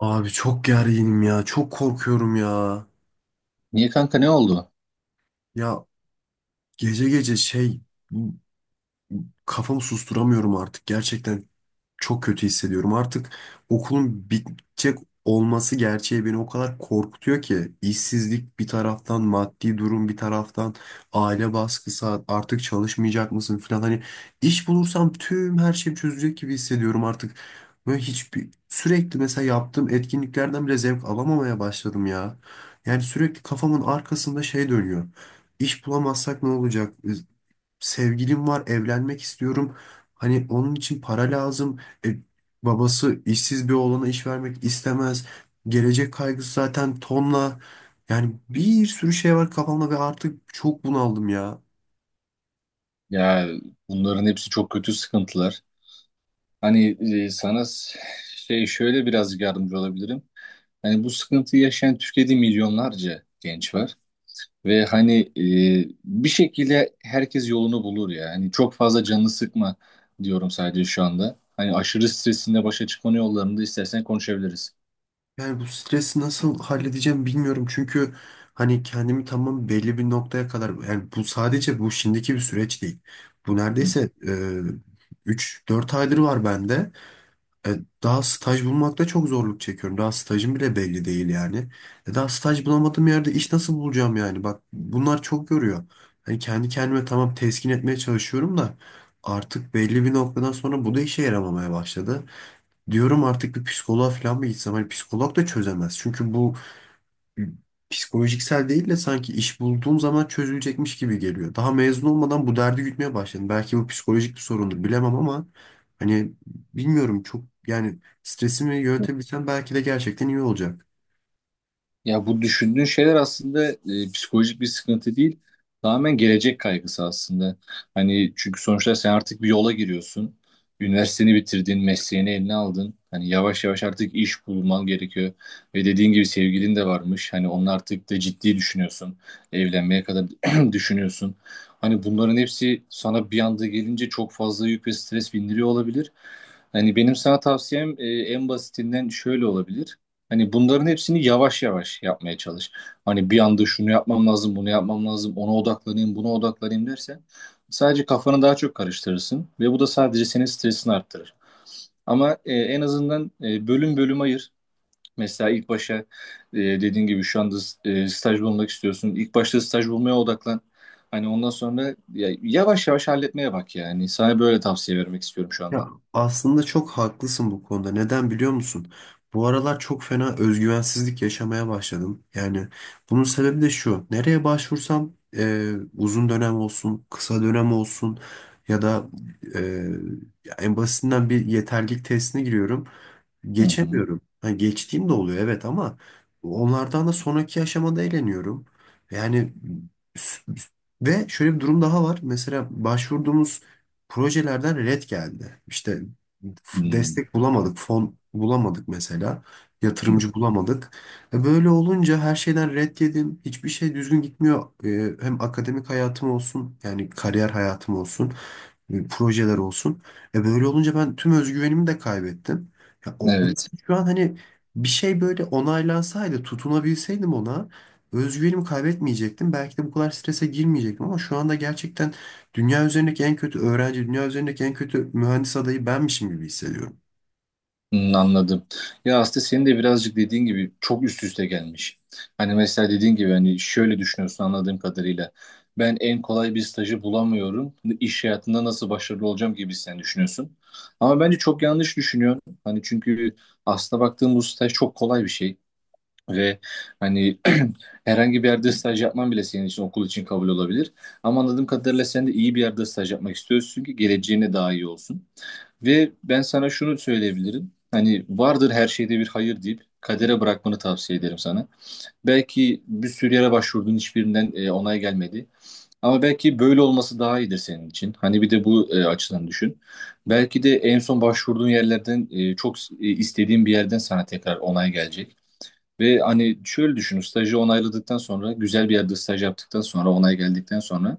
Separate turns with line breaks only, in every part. Abi çok gerginim ya. Çok korkuyorum ya.
Niye kanka ne oldu?
Ya, gece gece bu- kafamı susturamıyorum artık gerçekten. Çok kötü hissediyorum. Artık okulun bitecek olması gerçeği beni o kadar korkutuyor ki işsizlik bir taraftan, maddi durum bir taraftan, aile baskısı artık çalışmayacak mısın falan, hani iş bulursam tüm her şey çözecek gibi hissediyorum artık. Böyle hiçbir sürekli mesela yaptığım etkinliklerden bile zevk alamamaya başladım ya. Yani sürekli kafamın arkasında şey dönüyor. İş bulamazsak ne olacak? Sevgilim var, evlenmek istiyorum. Hani onun için para lazım. E, babası işsiz bir oğlana iş vermek istemez. Gelecek kaygısı zaten tonla. Yani bir sürü şey var kafamda ve artık çok bunaldım ya.
Ya bunların hepsi çok kötü sıkıntılar. Hani e, sana s- şey şöyle birazcık yardımcı olabilirim. Hani bu sıkıntıyı yaşayan Türkiye'de milyonlarca genç var. Ve hani bir şekilde herkes yolunu bulur ya. Hani çok fazla canını sıkma diyorum sadece şu anda. Hani aşırı stresinle başa çıkmanın yollarını da istersen konuşabiliriz.
Yani bu stresi nasıl halledeceğim bilmiyorum. Çünkü hani kendimi tamam belli bir noktaya kadar, yani bu sadece bu şimdiki bir süreç değil. Bu neredeyse üç dört aydır var bende. E, Daha staj bulmakta çok zorluk çekiyorum. Daha stajım bile belli değil yani. Daha staj bulamadığım yerde iş nasıl bulacağım yani? Bak bunlar çok yoruyor. Hani kendi kendime tamam teskin etmeye çalışıyorum da artık belli bir noktadan sonra bu da işe yaramamaya başladı. Diyorum artık bir psikoloğa falan mı gitsem? Hani psikolog da çözemez. Çünkü bu psikolojiksel değil de sanki iş bulduğum zaman çözülecekmiş gibi geliyor. Daha mezun olmadan bu derdi gütmeye başladım. Belki bu psikolojik bir sorundur bilemem ama hani bilmiyorum, çok yani stresimi yönetebilsem belki de gerçekten iyi olacak.
Ya bu düşündüğün şeyler aslında psikolojik bir sıkıntı değil. Tamamen gelecek kaygısı aslında. Hani çünkü sonuçta sen artık bir yola giriyorsun. Üniversiteni bitirdin, mesleğini eline aldın. Hani yavaş yavaş artık iş bulman gerekiyor. Ve dediğin gibi sevgilin de varmış. Hani onu artık da ciddi düşünüyorsun. Evlenmeye kadar düşünüyorsun. Hani bunların hepsi sana bir anda gelince çok fazla yük ve stres bindiriyor olabilir. Hani benim sana tavsiyem en basitinden şöyle olabilir. Hani bunların hepsini yavaş yavaş yapmaya çalış. Hani bir anda şunu yapmam lazım, bunu yapmam lazım, ona odaklanayım, buna odaklanayım dersen sadece kafanı daha çok karıştırırsın ve bu da sadece senin stresini arttırır. Ama en azından bölüm bölüm ayır. Mesela ilk başa dediğin gibi şu anda staj bulmak istiyorsun. İlk başta staj bulmaya odaklan. Hani ondan sonra ya, yavaş yavaş halletmeye bak yani. Sana böyle tavsiye vermek istiyorum şu anda.
Ya aslında çok haklısın bu konuda. Neden biliyor musun? Bu aralar çok fena özgüvensizlik yaşamaya başladım. Yani bunun sebebi de şu. Nereye başvursam uzun dönem olsun, kısa dönem olsun, ya da e, ya en basitinden bir yeterlilik testine giriyorum.
Hı hı.
Geçemiyorum. Ha, geçtiğim de oluyor, evet, ama onlardan da sonraki aşamada eğleniyorum. Yani s- ve şöyle bir durum daha var. Mesela başvurduğumuz projelerden red geldi. İşte
Hı.
destek bulamadık, fon bulamadık mesela. Yatırımcı bulamadık. Böyle olunca her şeyden red yedim. Hiçbir şey düzgün gitmiyor. Hem akademik hayatım olsun, yani kariyer hayatım olsun, projeler olsun. E, böyle olunca ben tüm özgüvenimi de kaybettim. Ya
Evet.
mesela şu an hani bir şey böyle onaylansaydı, tutunabilseydim ona, özgüvenimi kaybetmeyecektim. Belki de bu kadar strese girmeyecektim ama şu anda gerçekten dünya üzerindeki en kötü öğrenci, dünya üzerindeki en kötü mühendis adayı benmişim gibi hissediyorum.
Hmm, anladım. Ya aslında senin de birazcık dediğin gibi çok üst üste gelmiş. Hani mesela dediğin gibi hani şöyle düşünüyorsun anladığım kadarıyla. Ben en kolay bir stajı bulamıyorum. Hani İş hayatında nasıl başarılı olacağım gibi sen düşünüyorsun. Ama bence çok yanlış düşünüyorsun. Hani çünkü aslına baktığım bu staj çok kolay bir şey. Ve hani herhangi bir yerde staj yapman bile senin için okul için kabul olabilir. Ama anladığım kadarıyla sen de iyi bir yerde staj yapmak istiyorsun ki geleceğine daha iyi olsun. Ve ben sana şunu söyleyebilirim. Hani vardır her şeyde bir hayır deyip kadere bırakmanı tavsiye ederim sana. Belki bir sürü yere başvurdun hiçbirinden onay gelmedi. Ama belki böyle olması daha iyidir senin için. Hani bir de bu açıdan düşün. Belki de en son başvurduğun yerlerden çok istediğin bir yerden sana tekrar onay gelecek. Ve hani şöyle düşünün, stajı onayladıktan sonra, güzel bir yerde staj yaptıktan sonra, onay geldikten sonra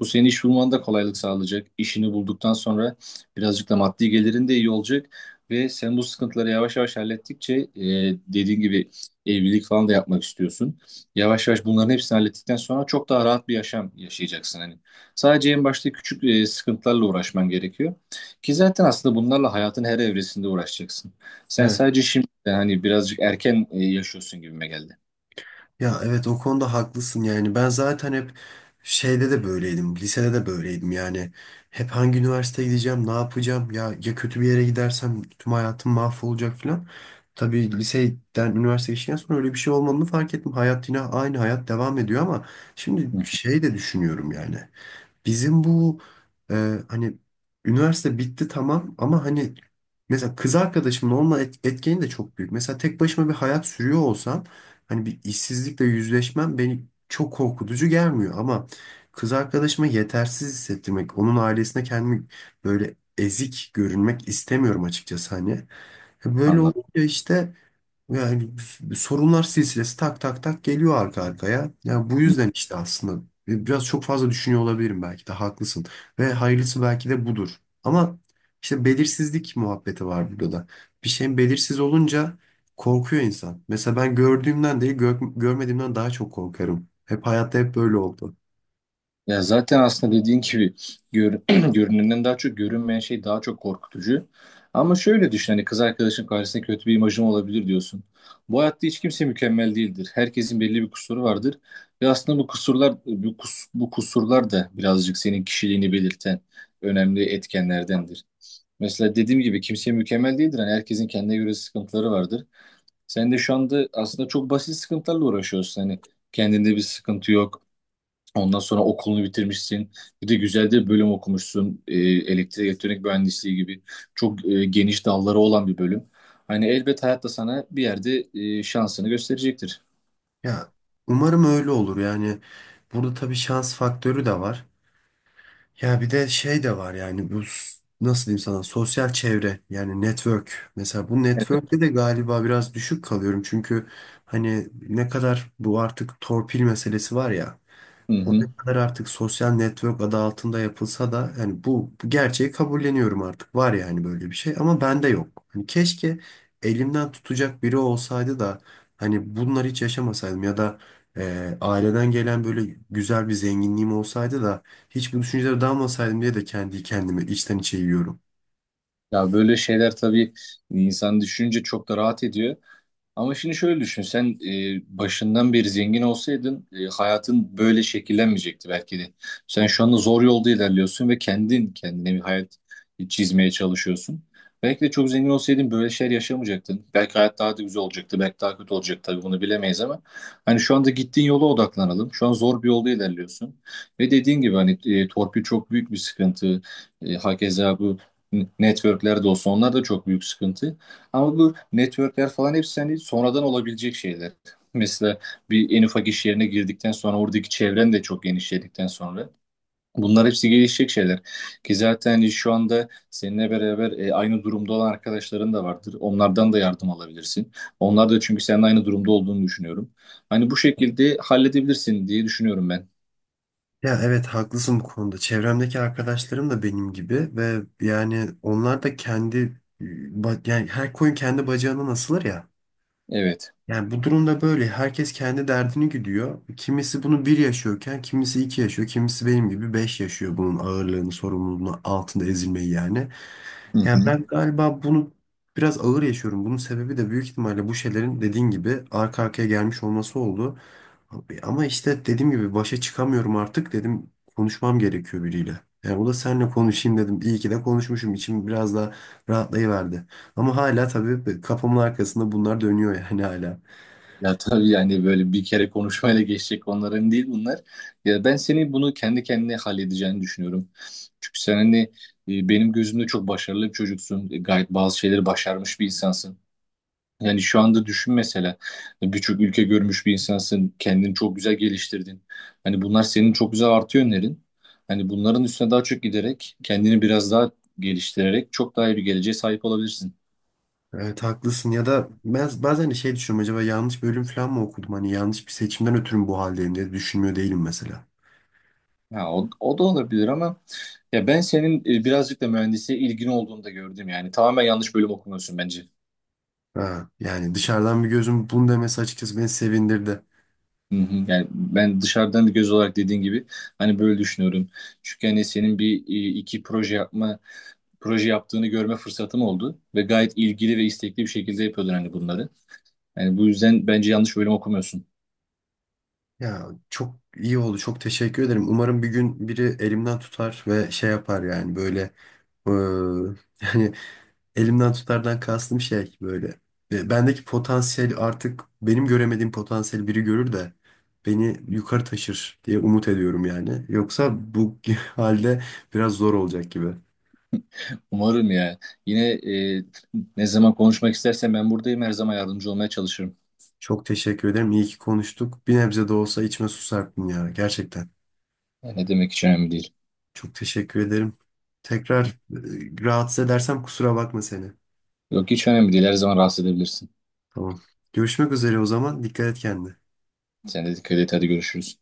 bu senin iş bulmanda da kolaylık sağlayacak. İşini bulduktan sonra birazcık da maddi gelirin de iyi olacak. Ve sen bu sıkıntıları yavaş yavaş hallettikçe dediğin gibi evlilik falan da yapmak istiyorsun. Yavaş yavaş bunların hepsini hallettikten sonra çok daha rahat bir yaşam yaşayacaksın. Hani sadece en başta küçük sıkıntılarla uğraşman gerekiyor. Ki zaten aslında bunlarla hayatın her evresinde uğraşacaksın. Sen
Evet.
sadece şimdi hani birazcık erken yaşıyorsun gibime geldi.
Ya evet, o konuda haklısın yani. Ben zaten hep şeyde de böyleydim. Lisede de böyleydim yani. Hep hangi üniversiteye gideceğim, ne yapacağım? Ya, ya kötü bir yere gidersem tüm hayatım mahvolacak falan. Tabii liseden üniversiteye geçtikten sonra öyle bir şey olmadığını fark ettim. Hayat yine aynı, hayat devam ediyor ama şimdi
Hı hı.
şey de düşünüyorum yani. Bizim bu hani üniversite bitti tamam ama hani mesela kız arkadaşımın olma etkeni de çok büyük. Mesela tek başıma bir hayat sürüyor olsam hani bir işsizlikle yüzleşmem beni çok korkutucu gelmiyor ama kız arkadaşıma yetersiz hissettirmek, onun ailesine kendimi böyle ezik görünmek istemiyorum açıkçası hani. Böyle
Anladım.
olunca işte yani sorunlar silsilesi tak tak tak geliyor arka arkaya. Yani bu yüzden işte aslında biraz çok fazla düşünüyor olabilirim, belki de haklısın. Ve hayırlısı belki de budur. Ama işte belirsizlik muhabbeti var burada da. Bir şeyin belirsiz olunca korkuyor insan. Mesela ben gördüğümden değil görmediğimden daha çok korkarım. Hep hayatta hep böyle oldu.
Ya zaten aslında dediğin gibi gör, görünenden daha çok görünmeyen şey daha çok korkutucu. Ama şöyle düşün hani kız arkadaşın karşısında kötü bir imajım olabilir diyorsun. Bu hayatta hiç kimse mükemmel değildir. Herkesin belli bir kusuru vardır. Ve aslında bu kusurlar bu kusurlar da birazcık senin kişiliğini belirten önemli etkenlerdendir. Mesela dediğim gibi kimse mükemmel değildir. Hani herkesin kendine göre sıkıntıları vardır. Sen de şu anda aslında çok basit sıkıntılarla uğraşıyorsun. Hani kendinde bir sıkıntı yok. Ondan sonra okulunu bitirmişsin. Bir de güzel de bir bölüm okumuşsun. Elektrik elektronik mühendisliği gibi çok geniş dalları olan bir bölüm. Hani elbet hayat da sana bir yerde şansını gösterecektir.
Ya umarım öyle olur. Yani burada tabii şans faktörü de var. Ya bir de şey de var yani bu nasıl diyeyim sana, sosyal çevre yani network. Mesela bu
Evet.
network'te de galiba biraz düşük kalıyorum. Çünkü hani ne kadar, bu artık torpil meselesi var ya.
Hı
O
hı.
ne kadar artık sosyal network adı altında yapılsa da yani bu gerçeği kabulleniyorum artık. Var yani böyle bir şey ama bende yok. Hani keşke elimden tutacak biri olsaydı da hani bunları hiç yaşamasaydım, ya da aileden gelen böyle güzel bir zenginliğim olsaydı da hiç bu düşüncelere dalmasaydım diye de kendi kendime içten içe yiyorum.
Ya böyle şeyler tabii insan düşününce çok da rahat ediyor. Ama şimdi şöyle düşün, sen başından beri zengin olsaydın hayatın böyle şekillenmeyecekti belki de. Sen şu anda zor yolda ilerliyorsun ve kendin kendine bir hayat çizmeye çalışıyorsun. Belki de çok zengin olsaydın böyle şeyler yaşamayacaktın. Belki hayat daha da güzel olacaktı, belki daha kötü olacaktı tabii bunu bilemeyiz ama hani şu anda gittiğin yola odaklanalım. Şu an zor bir yolda ilerliyorsun. Ve dediğin gibi hani torpil çok büyük bir sıkıntı. Hakeza bu networklerde olsa onlar da çok büyük sıkıntı. Ama bu networkler falan hepsi hani sonradan olabilecek şeyler. Mesela bir en ufak iş yerine girdikten sonra oradaki çevren de çok genişledikten sonra bunlar hepsi gelişecek şeyler. Ki zaten hani şu anda seninle beraber aynı durumda olan arkadaşların da vardır. Onlardan da yardım alabilirsin. Onlar da çünkü senin aynı durumda olduğunu düşünüyorum. Hani bu şekilde halledebilirsin diye düşünüyorum ben.
Ya evet, haklısın bu konuda. Çevremdeki arkadaşlarım da benim gibi ve yani onlar da kendi yani her koyun kendi bacağına asılır ya.
Evet.
Yani bu durumda böyle herkes kendi derdini güdüyor. Kimisi bunu bir yaşıyorken, kimisi iki yaşıyor, kimisi benim gibi beş yaşıyor bunun ağırlığını, sorumluluğunu, altında ezilmeyi yani.
Hı
Yani ben
hı.
galiba bunu biraz ağır yaşıyorum. Bunun sebebi de büyük ihtimalle bu şeylerin dediğin gibi arka arkaya gelmiş olması oldu. Ama işte dediğim gibi başa çıkamıyorum artık dedim, konuşmam gerekiyor biriyle. Yani o da seninle konuşayım dedim. İyi ki de konuşmuşum. İçim biraz daha rahatlayıverdi. Ama hala tabii kafamın arkasında bunlar dönüyor yani, hala.
Ya tabii yani böyle bir kere konuşmayla geçecek konuların değil bunlar. Ya ben seni bunu kendi kendine halledeceğini düşünüyorum. Çünkü sen hani benim gözümde çok başarılı bir çocuksun. E, Gayet bazı şeyleri başarmış bir insansın. Yani şu anda düşün mesela birçok ülke görmüş bir insansın. Kendini çok güzel geliştirdin. Hani bunlar senin çok güzel artı yönlerin. Hani bunların üstüne daha çok giderek kendini biraz daha geliştirerek çok daha iyi bir geleceğe sahip olabilirsin.
Evet haklısın, ya da ben bazen de şey düşünüyorum, acaba yanlış bölüm falan mı okudum, hani yanlış bir seçimden ötürü mü bu haldeyim diye düşünmüyor değilim mesela.
Ha, o da olabilir ama ya ben senin birazcık da mühendisliğe ilgin olduğunu da gördüm yani. Tamamen yanlış bölüm okumuyorsun bence.
Ha, yani dışarıdan bir gözüm bunu demesi açıkçası beni sevindirdi.
Hı hı. Yani ben dışarıdan bir göz olarak dediğin gibi hani böyle düşünüyorum. Çünkü hani senin bir proje yaptığını görme fırsatım oldu ve gayet ilgili ve istekli bir şekilde yapıyordun hani bunları. Yani bu yüzden bence yanlış bölüm okumuyorsun.
Ya çok iyi oldu, çok teşekkür ederim. Umarım bir gün biri elimden tutar ve şey yapar yani böyle eee, yani elimden tutardan kastım şey böyle. Bendeki potansiyel, artık benim göremediğim potansiyel biri görür de beni yukarı taşır diye umut ediyorum yani. Yoksa bu halde biraz zor olacak gibi.
Umarım ya. Yine ne zaman konuşmak istersen ben buradayım. Her zaman yardımcı olmaya çalışırım.
Çok teşekkür ederim. İyi ki konuştuk. Bir nebze de olsa içime su serptin ya. Gerçekten.
Yani ne demek hiç önemli değil.
Çok teşekkür ederim. Tekrar rahatsız edersem kusura bakma seni.
Yok hiç önemli değil. Her zaman rahatsız edebilirsin.
Tamam. Görüşmek üzere o zaman. Dikkat et kendine.
Sen de dikkat et. Hadi görüşürüz.